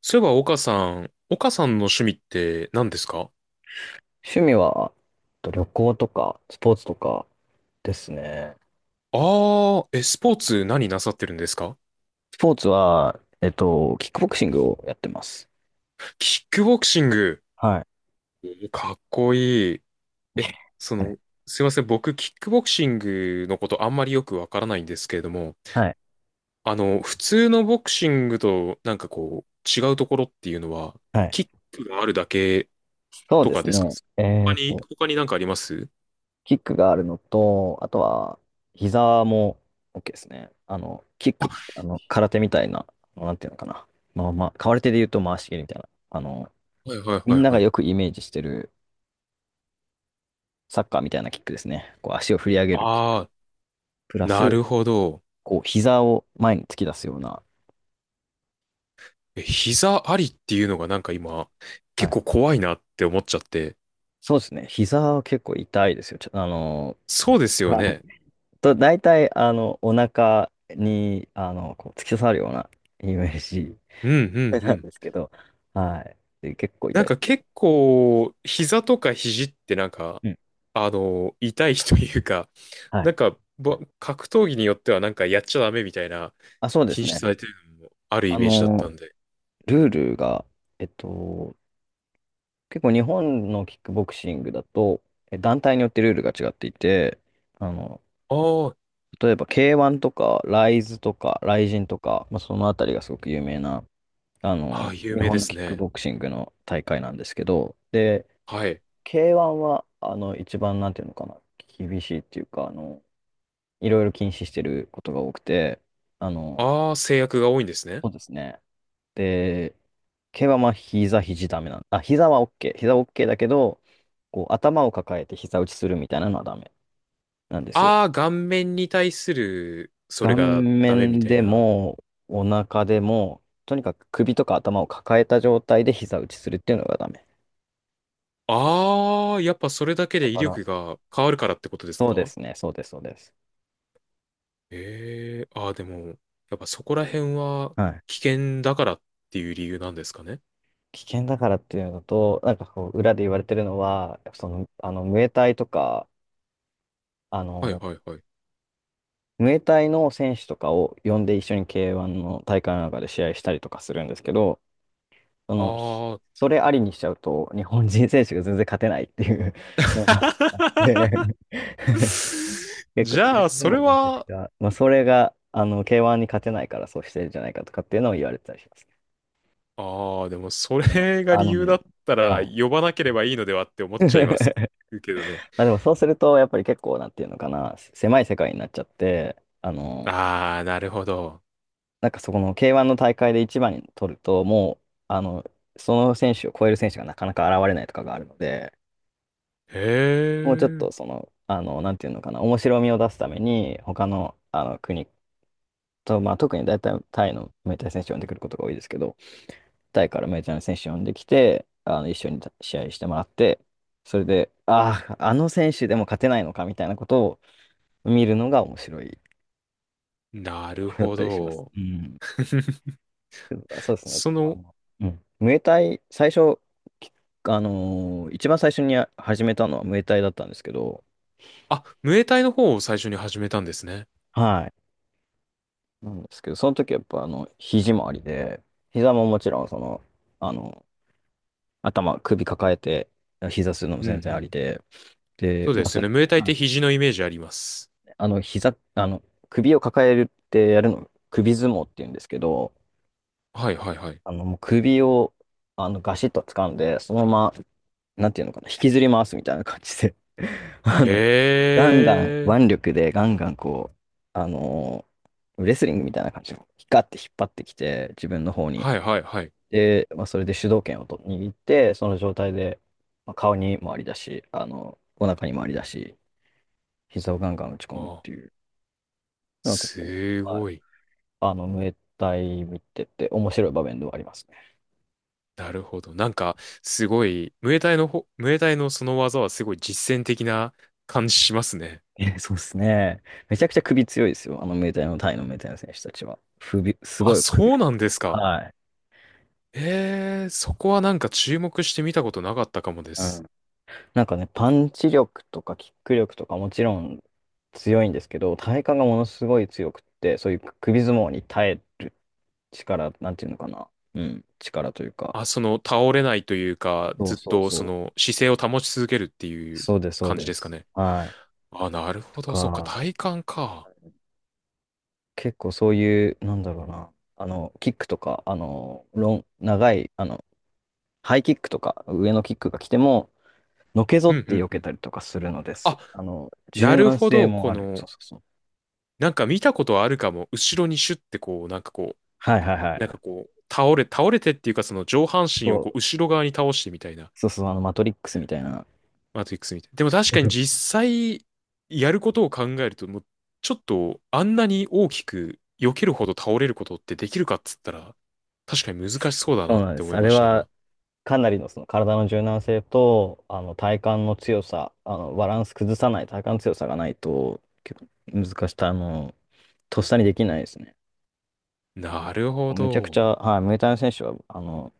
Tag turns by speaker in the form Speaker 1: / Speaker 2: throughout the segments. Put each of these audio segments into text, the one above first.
Speaker 1: そういえば、岡さん、岡さんの趣味って何ですか？
Speaker 2: 趣味は、旅行とか、スポーツとかですね。
Speaker 1: あ、あー、え、スポーツ何なさってるんですか？
Speaker 2: スポーツは、キックボクシングをやってます。
Speaker 1: キックボクシング。
Speaker 2: はい。
Speaker 1: おかっこいい。え、そ
Speaker 2: は
Speaker 1: の、
Speaker 2: い。
Speaker 1: すいません、僕、キックボクシングのことあんまりよくわからないんですけれども、
Speaker 2: はい。
Speaker 1: 普通のボクシングと違うところっていうのは、
Speaker 2: はい
Speaker 1: キックがあるだけ
Speaker 2: そう
Speaker 1: と
Speaker 2: で
Speaker 1: か
Speaker 2: す
Speaker 1: ですか？
Speaker 2: ね。
Speaker 1: 他に、他になんかあります？
Speaker 2: キックがあるのと、あとは、膝も OK ですね。キック、空手みたいな、なんていうのかな。まあまあ、空手で言うと回し蹴りみたいな。
Speaker 1: はいはい
Speaker 2: み
Speaker 1: はい
Speaker 2: んなが
Speaker 1: はい。
Speaker 2: よくイメージしてるサッカーみたいなキックですね。こう、足を振り上げるキック。
Speaker 1: ああ、
Speaker 2: プラ
Speaker 1: な
Speaker 2: ス、
Speaker 1: るほど。
Speaker 2: こう、膝を前に突き出すような、
Speaker 1: え、膝ありっていうのが今、
Speaker 2: は
Speaker 1: 結
Speaker 2: い。
Speaker 1: 構怖いなって思っちゃって。
Speaker 2: そうですね。膝は結構痛いですよ。ちょ、あの、
Speaker 1: そうですよ
Speaker 2: はい。
Speaker 1: ね。
Speaker 2: と、大体、お腹に、こう、突き刺さるようなイメージ
Speaker 1: うんうんう
Speaker 2: なん
Speaker 1: ん。
Speaker 2: ですけど、はい。で、結構
Speaker 1: なん
Speaker 2: 痛いで
Speaker 1: か
Speaker 2: す。
Speaker 1: 結構、膝とか肘ってなんか、
Speaker 2: うん。
Speaker 1: 痛いというか、
Speaker 2: は
Speaker 1: な
Speaker 2: い。
Speaker 1: んか、ぼ格闘技によってはなんかやっちゃダメみたいな
Speaker 2: あ、そうで
Speaker 1: 禁
Speaker 2: す
Speaker 1: 止
Speaker 2: ね。
Speaker 1: されてるのもあるイ
Speaker 2: あ
Speaker 1: メージだった
Speaker 2: の、
Speaker 1: んで。
Speaker 2: ルールが、えっと、結構日本のキックボクシングだと、団体によってルールが違っていて、あの、
Speaker 1: あー、
Speaker 2: 例えば K1 とか、ライズとか、ライジンとか、まあ、そのあたりがすごく有名な
Speaker 1: あー、有
Speaker 2: 日
Speaker 1: 名で
Speaker 2: 本の
Speaker 1: す
Speaker 2: キック
Speaker 1: ね。
Speaker 2: ボクシングの大会なんですけど、で、
Speaker 1: はい。
Speaker 2: K1 は、一番、なんていうのかな、厳しいっていうか、いろいろ禁止してることが多くて、あの、
Speaker 1: ああ、制約が多いんですね。
Speaker 2: そうですね。で、K1 はまあ膝、肘ダメなん、あ、膝は OK。膝は OK だけど、こう、頭を抱えて膝打ちするみたいなのはダメなんですよ。
Speaker 1: ああ、顔面に対する、それ
Speaker 2: 顔
Speaker 1: がダメみ
Speaker 2: 面
Speaker 1: たい
Speaker 2: で
Speaker 1: な。
Speaker 2: も、お腹でも、とにかく首とか頭を抱えた状態で膝打ちするっていうのがダメ。
Speaker 1: ああ、やっぱそれだけ
Speaker 2: だ
Speaker 1: で威
Speaker 2: から、
Speaker 1: 力が変わるからってことです
Speaker 2: そうで
Speaker 1: か？
Speaker 2: すね、そうです、そうです。
Speaker 1: ええー、ああ、でも、やっぱそこら辺は
Speaker 2: はい。
Speaker 1: 危険だからっていう理由なんですかね。
Speaker 2: 危険だからっていうのと、なんかこう、裏で言われてるのは、その、ムエタイとか、あ
Speaker 1: はい
Speaker 2: の、
Speaker 1: はいはい。
Speaker 2: ムエタイの選手とかを呼んで一緒に K1 の大会の中で試合したりとかするんですけど、その、
Speaker 1: ああ。
Speaker 2: それありにしちゃうと、日本人選手が全然勝てないっていうのがあって 結構、
Speaker 1: じゃあ、
Speaker 2: で
Speaker 1: そ
Speaker 2: も
Speaker 1: れ
Speaker 2: めちゃく
Speaker 1: は、
Speaker 2: ちゃ、まあ、それが、K1 に勝てないからそうしてるんじゃないかとかっていうのを言われてたりします。
Speaker 1: ああ、でもそ
Speaker 2: でも、
Speaker 1: れが
Speaker 2: あ
Speaker 1: 理
Speaker 2: の
Speaker 1: 由だ
Speaker 2: ね、
Speaker 1: ったら
Speaker 2: はい。
Speaker 1: 呼ばなければいいのではって思っちゃいますけどね。
Speaker 2: まあ、でもそうすると、やっぱり結構、なんていうのかな、狭い世界になっちゃって、あの、
Speaker 1: ああ、なるほど。
Speaker 2: なんかそこの K1 の大会で一番に取ると、もう、あの、その選手を超える選手がなかなか現れないとかがあるので、
Speaker 1: へ
Speaker 2: もうちょっ
Speaker 1: え、
Speaker 2: とその、なんていうのかな、面白みを出すために、他の、国と、まあ、特に大体タイのメジャー選手を呼んでくることが多いですけど、タイからメジャーの選手を呼んできて、一緒に試合してもらって、それで、ああ、あの選手でも勝てないのかみたいなことを見るのが面白い。
Speaker 1: なる
Speaker 2: これだっ
Speaker 1: ほ
Speaker 2: たりします。
Speaker 1: ど。
Speaker 2: うん。けどそうですね。
Speaker 1: その、
Speaker 2: うんムエタイ、最初、き一番最初に始めたのはムエタイだったんですけど、
Speaker 1: あ、ムエタイの方を最初に始めたんですね。
Speaker 2: はい。なんですけど、その時やっぱ肘もありで、膝ももちろんその、あの、頭、首抱えて、膝するのも
Speaker 1: うんう
Speaker 2: 全然あり
Speaker 1: ん。
Speaker 2: で、で、
Speaker 1: そうで
Speaker 2: まあ、そ
Speaker 1: すね。
Speaker 2: れ、
Speaker 1: ムエタイっ
Speaker 2: は
Speaker 1: て
Speaker 2: い。
Speaker 1: 肘のイメージあります。
Speaker 2: 膝、首を抱えるってやるの、首相撲って言うんですけど、
Speaker 1: はいはいはい。
Speaker 2: もう首を、ガシッと掴んで、そのままなんていうのかな、引きずり回すみたいな感じで あの、ガンガン
Speaker 1: ええ。
Speaker 2: 腕力でガンガンこう、あのレスリングみたいな感じで、ヒカって引っ張ってきて、自分の方に。
Speaker 1: はいはいはい。
Speaker 2: で、まあ、それで主導権をと握って、その状態で、まあ、顔に回りだし、お腹に回りだし、膝をガンガン打ち込むっ
Speaker 1: あ、
Speaker 2: ていう、なんかこ
Speaker 1: す
Speaker 2: う、はい、
Speaker 1: ごい。
Speaker 2: ムエタイ見てて面白い場面ではあります。
Speaker 1: なるほど。なんか、すごい、ムエタイのその技はすごい実践的な感じしますね。
Speaker 2: え、そうですね。めちゃくちゃ首強いですよ。あのメタイの、タイのムエタイの選手たちは。首、す
Speaker 1: あ、
Speaker 2: ごい首
Speaker 1: そう
Speaker 2: 太
Speaker 1: なん
Speaker 2: く
Speaker 1: で
Speaker 2: て。
Speaker 1: すか。
Speaker 2: はい。
Speaker 1: ええ、そこはなんか注目してみたことなかったかもで
Speaker 2: うん。
Speaker 1: す。
Speaker 2: なんかね、パンチ力とかキック力とかもちろん強いんですけど、体幹がものすごい強くって、そういう首相撲に耐える力、なんていうのかな。うん。力というか。
Speaker 1: あ、その倒れないというか、
Speaker 2: そ
Speaker 1: ず
Speaker 2: う
Speaker 1: っ
Speaker 2: そう
Speaker 1: とそ
Speaker 2: そう。
Speaker 1: の姿勢を保ち続けるっていう
Speaker 2: そうです、そう
Speaker 1: 感じ
Speaker 2: で
Speaker 1: ですか
Speaker 2: す。
Speaker 1: ね。
Speaker 2: はい。
Speaker 1: あ、なる
Speaker 2: と
Speaker 1: ほど。そっか、
Speaker 2: か、
Speaker 1: 体感か。
Speaker 2: 結構そういう、なんだろうな。キックとか、長い、ハイキックとか、上のキックが来ても、のけぞ
Speaker 1: う
Speaker 2: っ
Speaker 1: んう
Speaker 2: て
Speaker 1: ん
Speaker 2: 避
Speaker 1: う
Speaker 2: け
Speaker 1: ん。
Speaker 2: たりとかするので
Speaker 1: あ、
Speaker 2: す。
Speaker 1: な
Speaker 2: 柔
Speaker 1: る
Speaker 2: 軟
Speaker 1: ほ
Speaker 2: 性
Speaker 1: ど。
Speaker 2: も
Speaker 1: こ
Speaker 2: ある。
Speaker 1: の、
Speaker 2: そうそうそう。
Speaker 1: なんか見たことあるかも。後ろにシュッてこう、なんかこ
Speaker 2: はいはいは
Speaker 1: う、
Speaker 2: い。
Speaker 1: なんかこう、倒れてっていうか、その上半身を
Speaker 2: そ
Speaker 1: こ
Speaker 2: う
Speaker 1: う、後ろ側に倒してみたいな、
Speaker 2: そうそう、マトリックスみたいな。
Speaker 1: マトリックスみたいな。でも確かに 実際、やることを考えると、もう、ちょっと、あんなに大きく、避けるほど倒れることってできるかっつったら、確かに難しそうだ
Speaker 2: そ
Speaker 1: な
Speaker 2: う
Speaker 1: っ
Speaker 2: なんで
Speaker 1: て
Speaker 2: す。
Speaker 1: 思い
Speaker 2: あれ
Speaker 1: ました、
Speaker 2: は、
Speaker 1: 今。
Speaker 2: かなりのその体の柔軟性と、体幹の強さ、バランス崩さない体幹の強さがないと、結構難しい、とっさにできないですね。
Speaker 1: なるほ
Speaker 2: めちゃくちゃ、
Speaker 1: ど。
Speaker 2: はい、ムエタイの選手は、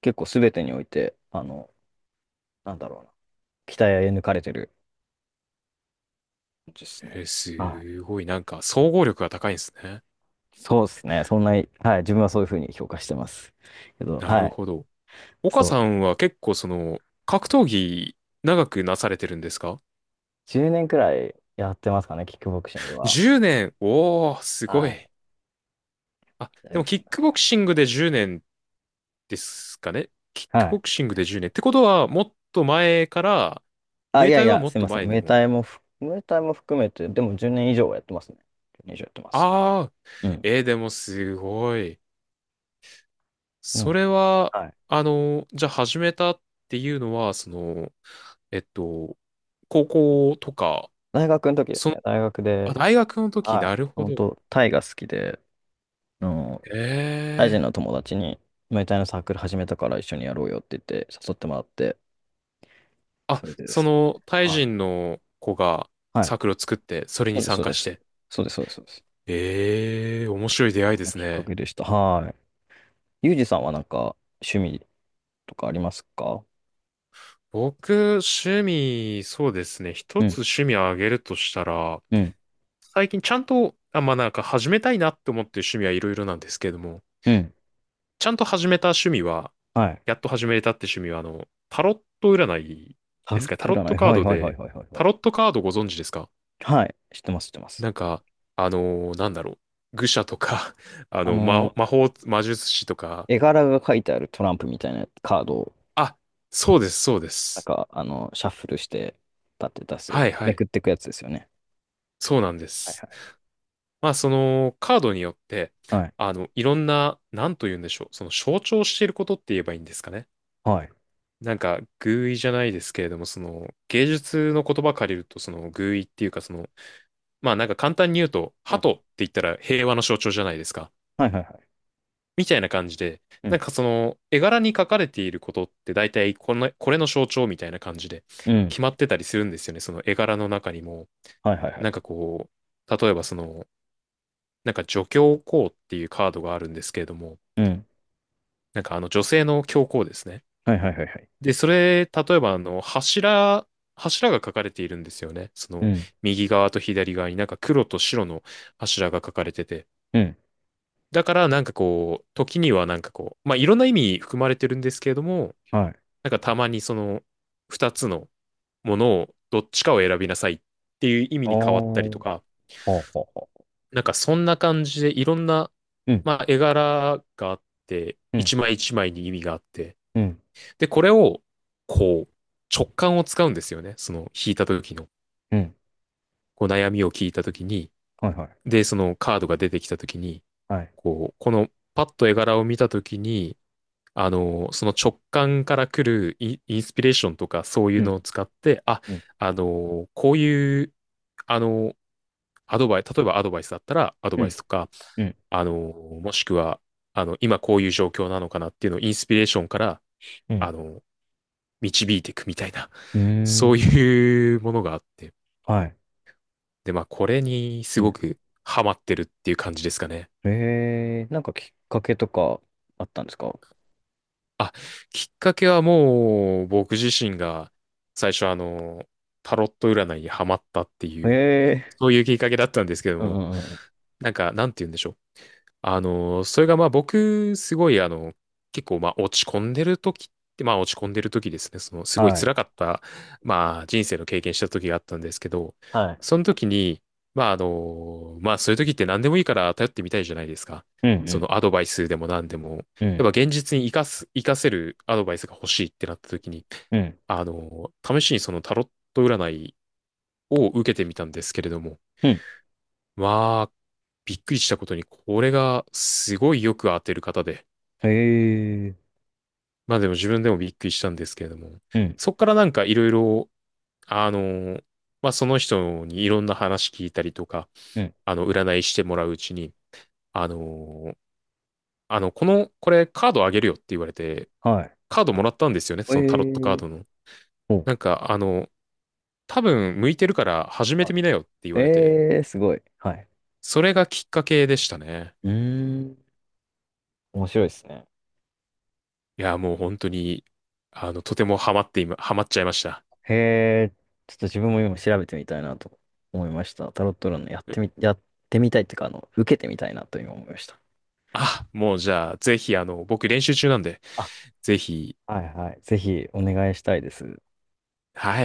Speaker 2: 結構すべてにおいて、なんだろうな、鍛え抜かれてるですね。
Speaker 1: えー、
Speaker 2: はい
Speaker 1: すごい、なんか、総合力が高いんですね。
Speaker 2: そうですね。そんなに、はい、自分はそういうふうに評価してます。けど、
Speaker 1: な
Speaker 2: は
Speaker 1: る
Speaker 2: い、
Speaker 1: ほど。岡
Speaker 2: そ
Speaker 1: さ
Speaker 2: う。
Speaker 1: んは結構その、格闘技長くなされてるんですか？
Speaker 2: 10年くらいやってますかね、キックボクシングは。
Speaker 1: 10 年。おー、すご
Speaker 2: はい。
Speaker 1: い。あ、
Speaker 2: 大
Speaker 1: でも
Speaker 2: 学
Speaker 1: キ
Speaker 2: の。
Speaker 1: ックボクシングで10年ですかね。キック
Speaker 2: はい。
Speaker 1: ボクシングで10年。ってことは、もっと前から、ム
Speaker 2: あ、い
Speaker 1: エ
Speaker 2: や
Speaker 1: タ
Speaker 2: い
Speaker 1: イは
Speaker 2: や、
Speaker 1: もっ
Speaker 2: すい
Speaker 1: と
Speaker 2: ません。
Speaker 1: 前にも。
Speaker 2: ムエタイも含めて、でも10年以上はやってますね。1年以上やってます。
Speaker 1: あー、
Speaker 2: うん。
Speaker 1: えー、でもすごい。
Speaker 2: う
Speaker 1: そ
Speaker 2: ん。
Speaker 1: れは、
Speaker 2: はい。
Speaker 1: あの、じゃあ始めたっていうのは、その、えっと、高校とか、
Speaker 2: 大学の時です
Speaker 1: その、
Speaker 2: ね。大学
Speaker 1: あ、
Speaker 2: で、
Speaker 1: 大学の時、
Speaker 2: は
Speaker 1: な
Speaker 2: い。
Speaker 1: るほど。
Speaker 2: 本当タイが好きで、あの、タイ人
Speaker 1: え
Speaker 2: の
Speaker 1: え。
Speaker 2: 友達に、ムエタイのサークル始めたから一緒にやろうよって言って、誘ってもらって、
Speaker 1: あ、
Speaker 2: それでで
Speaker 1: そ
Speaker 2: すね。
Speaker 1: の、タイ
Speaker 2: は
Speaker 1: 人
Speaker 2: い。
Speaker 1: の子が
Speaker 2: はい
Speaker 1: サークルを作って、それ
Speaker 2: そ
Speaker 1: に
Speaker 2: うです、
Speaker 1: 参
Speaker 2: そう
Speaker 1: 加
Speaker 2: で
Speaker 1: し
Speaker 2: す。
Speaker 1: て。
Speaker 2: そうです、そうです、そうです。
Speaker 1: ええ、面白い出会い
Speaker 2: こ
Speaker 1: で
Speaker 2: の
Speaker 1: す
Speaker 2: きっか
Speaker 1: ね。
Speaker 2: けでした。はい。ユージさんはなんか趣味とかありますか？
Speaker 1: 僕、趣味、そうですね。
Speaker 2: う
Speaker 1: 一つ
Speaker 2: ん、
Speaker 1: 趣味をあげるとしたら、
Speaker 2: うん、
Speaker 1: 最近ちゃんと、あ、まあ、なんか始めたいなって思ってる趣味はいろいろなんですけれども、
Speaker 2: うん。
Speaker 1: ちゃんと始めた趣味は、
Speaker 2: はい。
Speaker 1: やっと始めたって趣味は、あの、タロット占い
Speaker 2: タ
Speaker 1: で
Speaker 2: ロ
Speaker 1: す
Speaker 2: ッ
Speaker 1: か。
Speaker 2: ト
Speaker 1: タロ
Speaker 2: 占
Speaker 1: ット
Speaker 2: い。
Speaker 1: カー
Speaker 2: はい、
Speaker 1: ド
Speaker 2: はい、はい、はい、
Speaker 1: で、
Speaker 2: はい。はい、
Speaker 1: タロットカードご存知ですか？
Speaker 2: はい知ってます、知ってます。
Speaker 1: なんか、なんだろう。愚者とか
Speaker 2: あの
Speaker 1: 魔法、魔術師とか。
Speaker 2: 絵柄が書いてあるトランプみたいなカードを、
Speaker 1: あ、そうです、そうで
Speaker 2: なん
Speaker 1: す。
Speaker 2: か、シャッフルして、立って出すやつ、
Speaker 1: はいは
Speaker 2: め
Speaker 1: い。
Speaker 2: くっていくやつですよね。
Speaker 1: そうなんで
Speaker 2: はい
Speaker 1: す。
Speaker 2: は
Speaker 1: まあ、その、カードによって、
Speaker 2: い。はい。
Speaker 1: あの、いろんな、なんと言うんでしょう。その、象徴していることって言えばいいんですかね。
Speaker 2: はい。
Speaker 1: なんか、寓意じゃないですけれども、その、芸術の言葉借りると、その、寓意っていうか、その、まあ、なんか簡単に言うと、
Speaker 2: う
Speaker 1: 鳩
Speaker 2: ん。
Speaker 1: って言ったら平和の象徴じゃないですか。
Speaker 2: はいはいはい。
Speaker 1: みたいな感じで、
Speaker 2: う
Speaker 1: なん
Speaker 2: ん。
Speaker 1: かその絵柄に書かれていることって大体この、これの象徴みたいな感じで
Speaker 2: うん。
Speaker 1: 決まってたりするんですよね。その絵柄の中にも、
Speaker 2: はいはいは
Speaker 1: なんか
Speaker 2: い。
Speaker 1: こう、例えばその、なんか女教皇っていうカードがあるんですけれども、
Speaker 2: うん。
Speaker 1: なんかあの女性の教皇ですね。
Speaker 2: はいはいはいはい。
Speaker 1: で、それ、例えばあの柱、柱が書かれているんですよね。そ
Speaker 2: う
Speaker 1: の
Speaker 2: ん。
Speaker 1: 右側と左側になんか黒と白の柱が書かれてて。
Speaker 2: うん。
Speaker 1: だからなんかこう、時にはなんかこう、まあいろんな意味含まれてるんですけれども、
Speaker 2: はい。
Speaker 1: なんかたまにその二つのものをどっちかを選びなさいっていう意味
Speaker 2: ああ。
Speaker 1: に変わったり
Speaker 2: は
Speaker 1: と
Speaker 2: う
Speaker 1: か、
Speaker 2: はうは
Speaker 1: なんかそんな感じでいろんな、
Speaker 2: うん。
Speaker 1: まあ、絵柄があって、
Speaker 2: う
Speaker 1: 一
Speaker 2: ん。
Speaker 1: 枚一枚に意味があって、
Speaker 2: うん、
Speaker 1: で、これをこう直感を使うんですよね。その引いた時の、
Speaker 2: うん、
Speaker 1: こう悩みを聞いた時に、
Speaker 2: はいはい、
Speaker 1: で、そのカードが出てきた時に、
Speaker 2: はい。
Speaker 1: こう、このパッと絵柄を見た時に、あの、その直感から来るインスピレーションとかそうい
Speaker 2: う
Speaker 1: うの
Speaker 2: ん、
Speaker 1: を使って、あ、
Speaker 2: うん、
Speaker 1: あの、こういう、あの、アドバイ、例えばアドバイスだったらアド
Speaker 2: う
Speaker 1: バイ
Speaker 2: ん、
Speaker 1: スとか、
Speaker 2: うん、
Speaker 1: あの、もしくは、あの、今こういう状況なのかなっていうのをインスピレーションから、
Speaker 2: うん、
Speaker 1: あの、導いていくみたいな、
Speaker 2: うー
Speaker 1: そう
Speaker 2: ん、
Speaker 1: いうものがあって。
Speaker 2: はい。
Speaker 1: で、まあ、これにす
Speaker 2: う
Speaker 1: ご
Speaker 2: ん。
Speaker 1: くハマってるっていう感じですかね。
Speaker 2: なんかきっかけとかあったんですか？
Speaker 1: あ、きっかけはもう僕自身が最初あの、タロット占いにハマったっていう、
Speaker 2: え
Speaker 1: そういうきっかけだったんですけど
Speaker 2: ー、うん、う
Speaker 1: も、
Speaker 2: ん、うん、
Speaker 1: なんか、なんて言うんでしょう。あの、それがまあ僕、すごいあの、結構まあ落ち込んでる時って、まあ落ち込んでる時ですね、そのすごい
Speaker 2: はい、
Speaker 1: 辛かった、まあ人生の経験した時があったんですけど、
Speaker 2: はい。
Speaker 1: その時に、まああの、まあそういう時って何でもいいから頼ってみたいじゃないですか。
Speaker 2: うん、う
Speaker 1: そのア
Speaker 2: ん、
Speaker 1: ドバイスでも何でも。
Speaker 2: うん、
Speaker 1: やっぱ現実に生かせるアドバイスが欲しいってなった時に、
Speaker 2: うん、
Speaker 1: あの、試しにそのタロット占いを受けてみたんですけれども、
Speaker 2: うん。
Speaker 1: まあ、びっくりしたことに、これがすごいよく当てる方で。
Speaker 2: えー、
Speaker 1: まあでも自分でもびっくりしたんですけれども。
Speaker 2: うん、
Speaker 1: そっからなんかいろいろ、あの、まあその人にいろんな話聞いたりとか、
Speaker 2: うん、
Speaker 1: あの、占いしてもらううちに、あの、あの、この、これカードあげるよって言われて、
Speaker 2: は
Speaker 1: カードもらったんですよね、
Speaker 2: い。
Speaker 1: そのタロットカー
Speaker 2: え
Speaker 1: ドの。
Speaker 2: ー、お、
Speaker 1: なんか、あの、多分向いてるから始めて
Speaker 2: は
Speaker 1: みなよって言
Speaker 2: い。
Speaker 1: われて、
Speaker 2: えー、すごい。はい。
Speaker 1: それがきっかけでしたね。
Speaker 2: うーん、面白いですね。
Speaker 1: いや、もう本当に、あの、とてもハマって今、ハマっちゃいました。
Speaker 2: へえ、ちょっと自分も今調べてみたいなと思いました。タロット占いやってみたいっていうか、受けてみたいなと今思いました。
Speaker 1: あ、もうじゃあ、ぜひ、あの、僕練習中なんで、
Speaker 2: あ、
Speaker 1: ぜひ、
Speaker 2: はいはい。ぜひお願いしたいです。
Speaker 1: はい。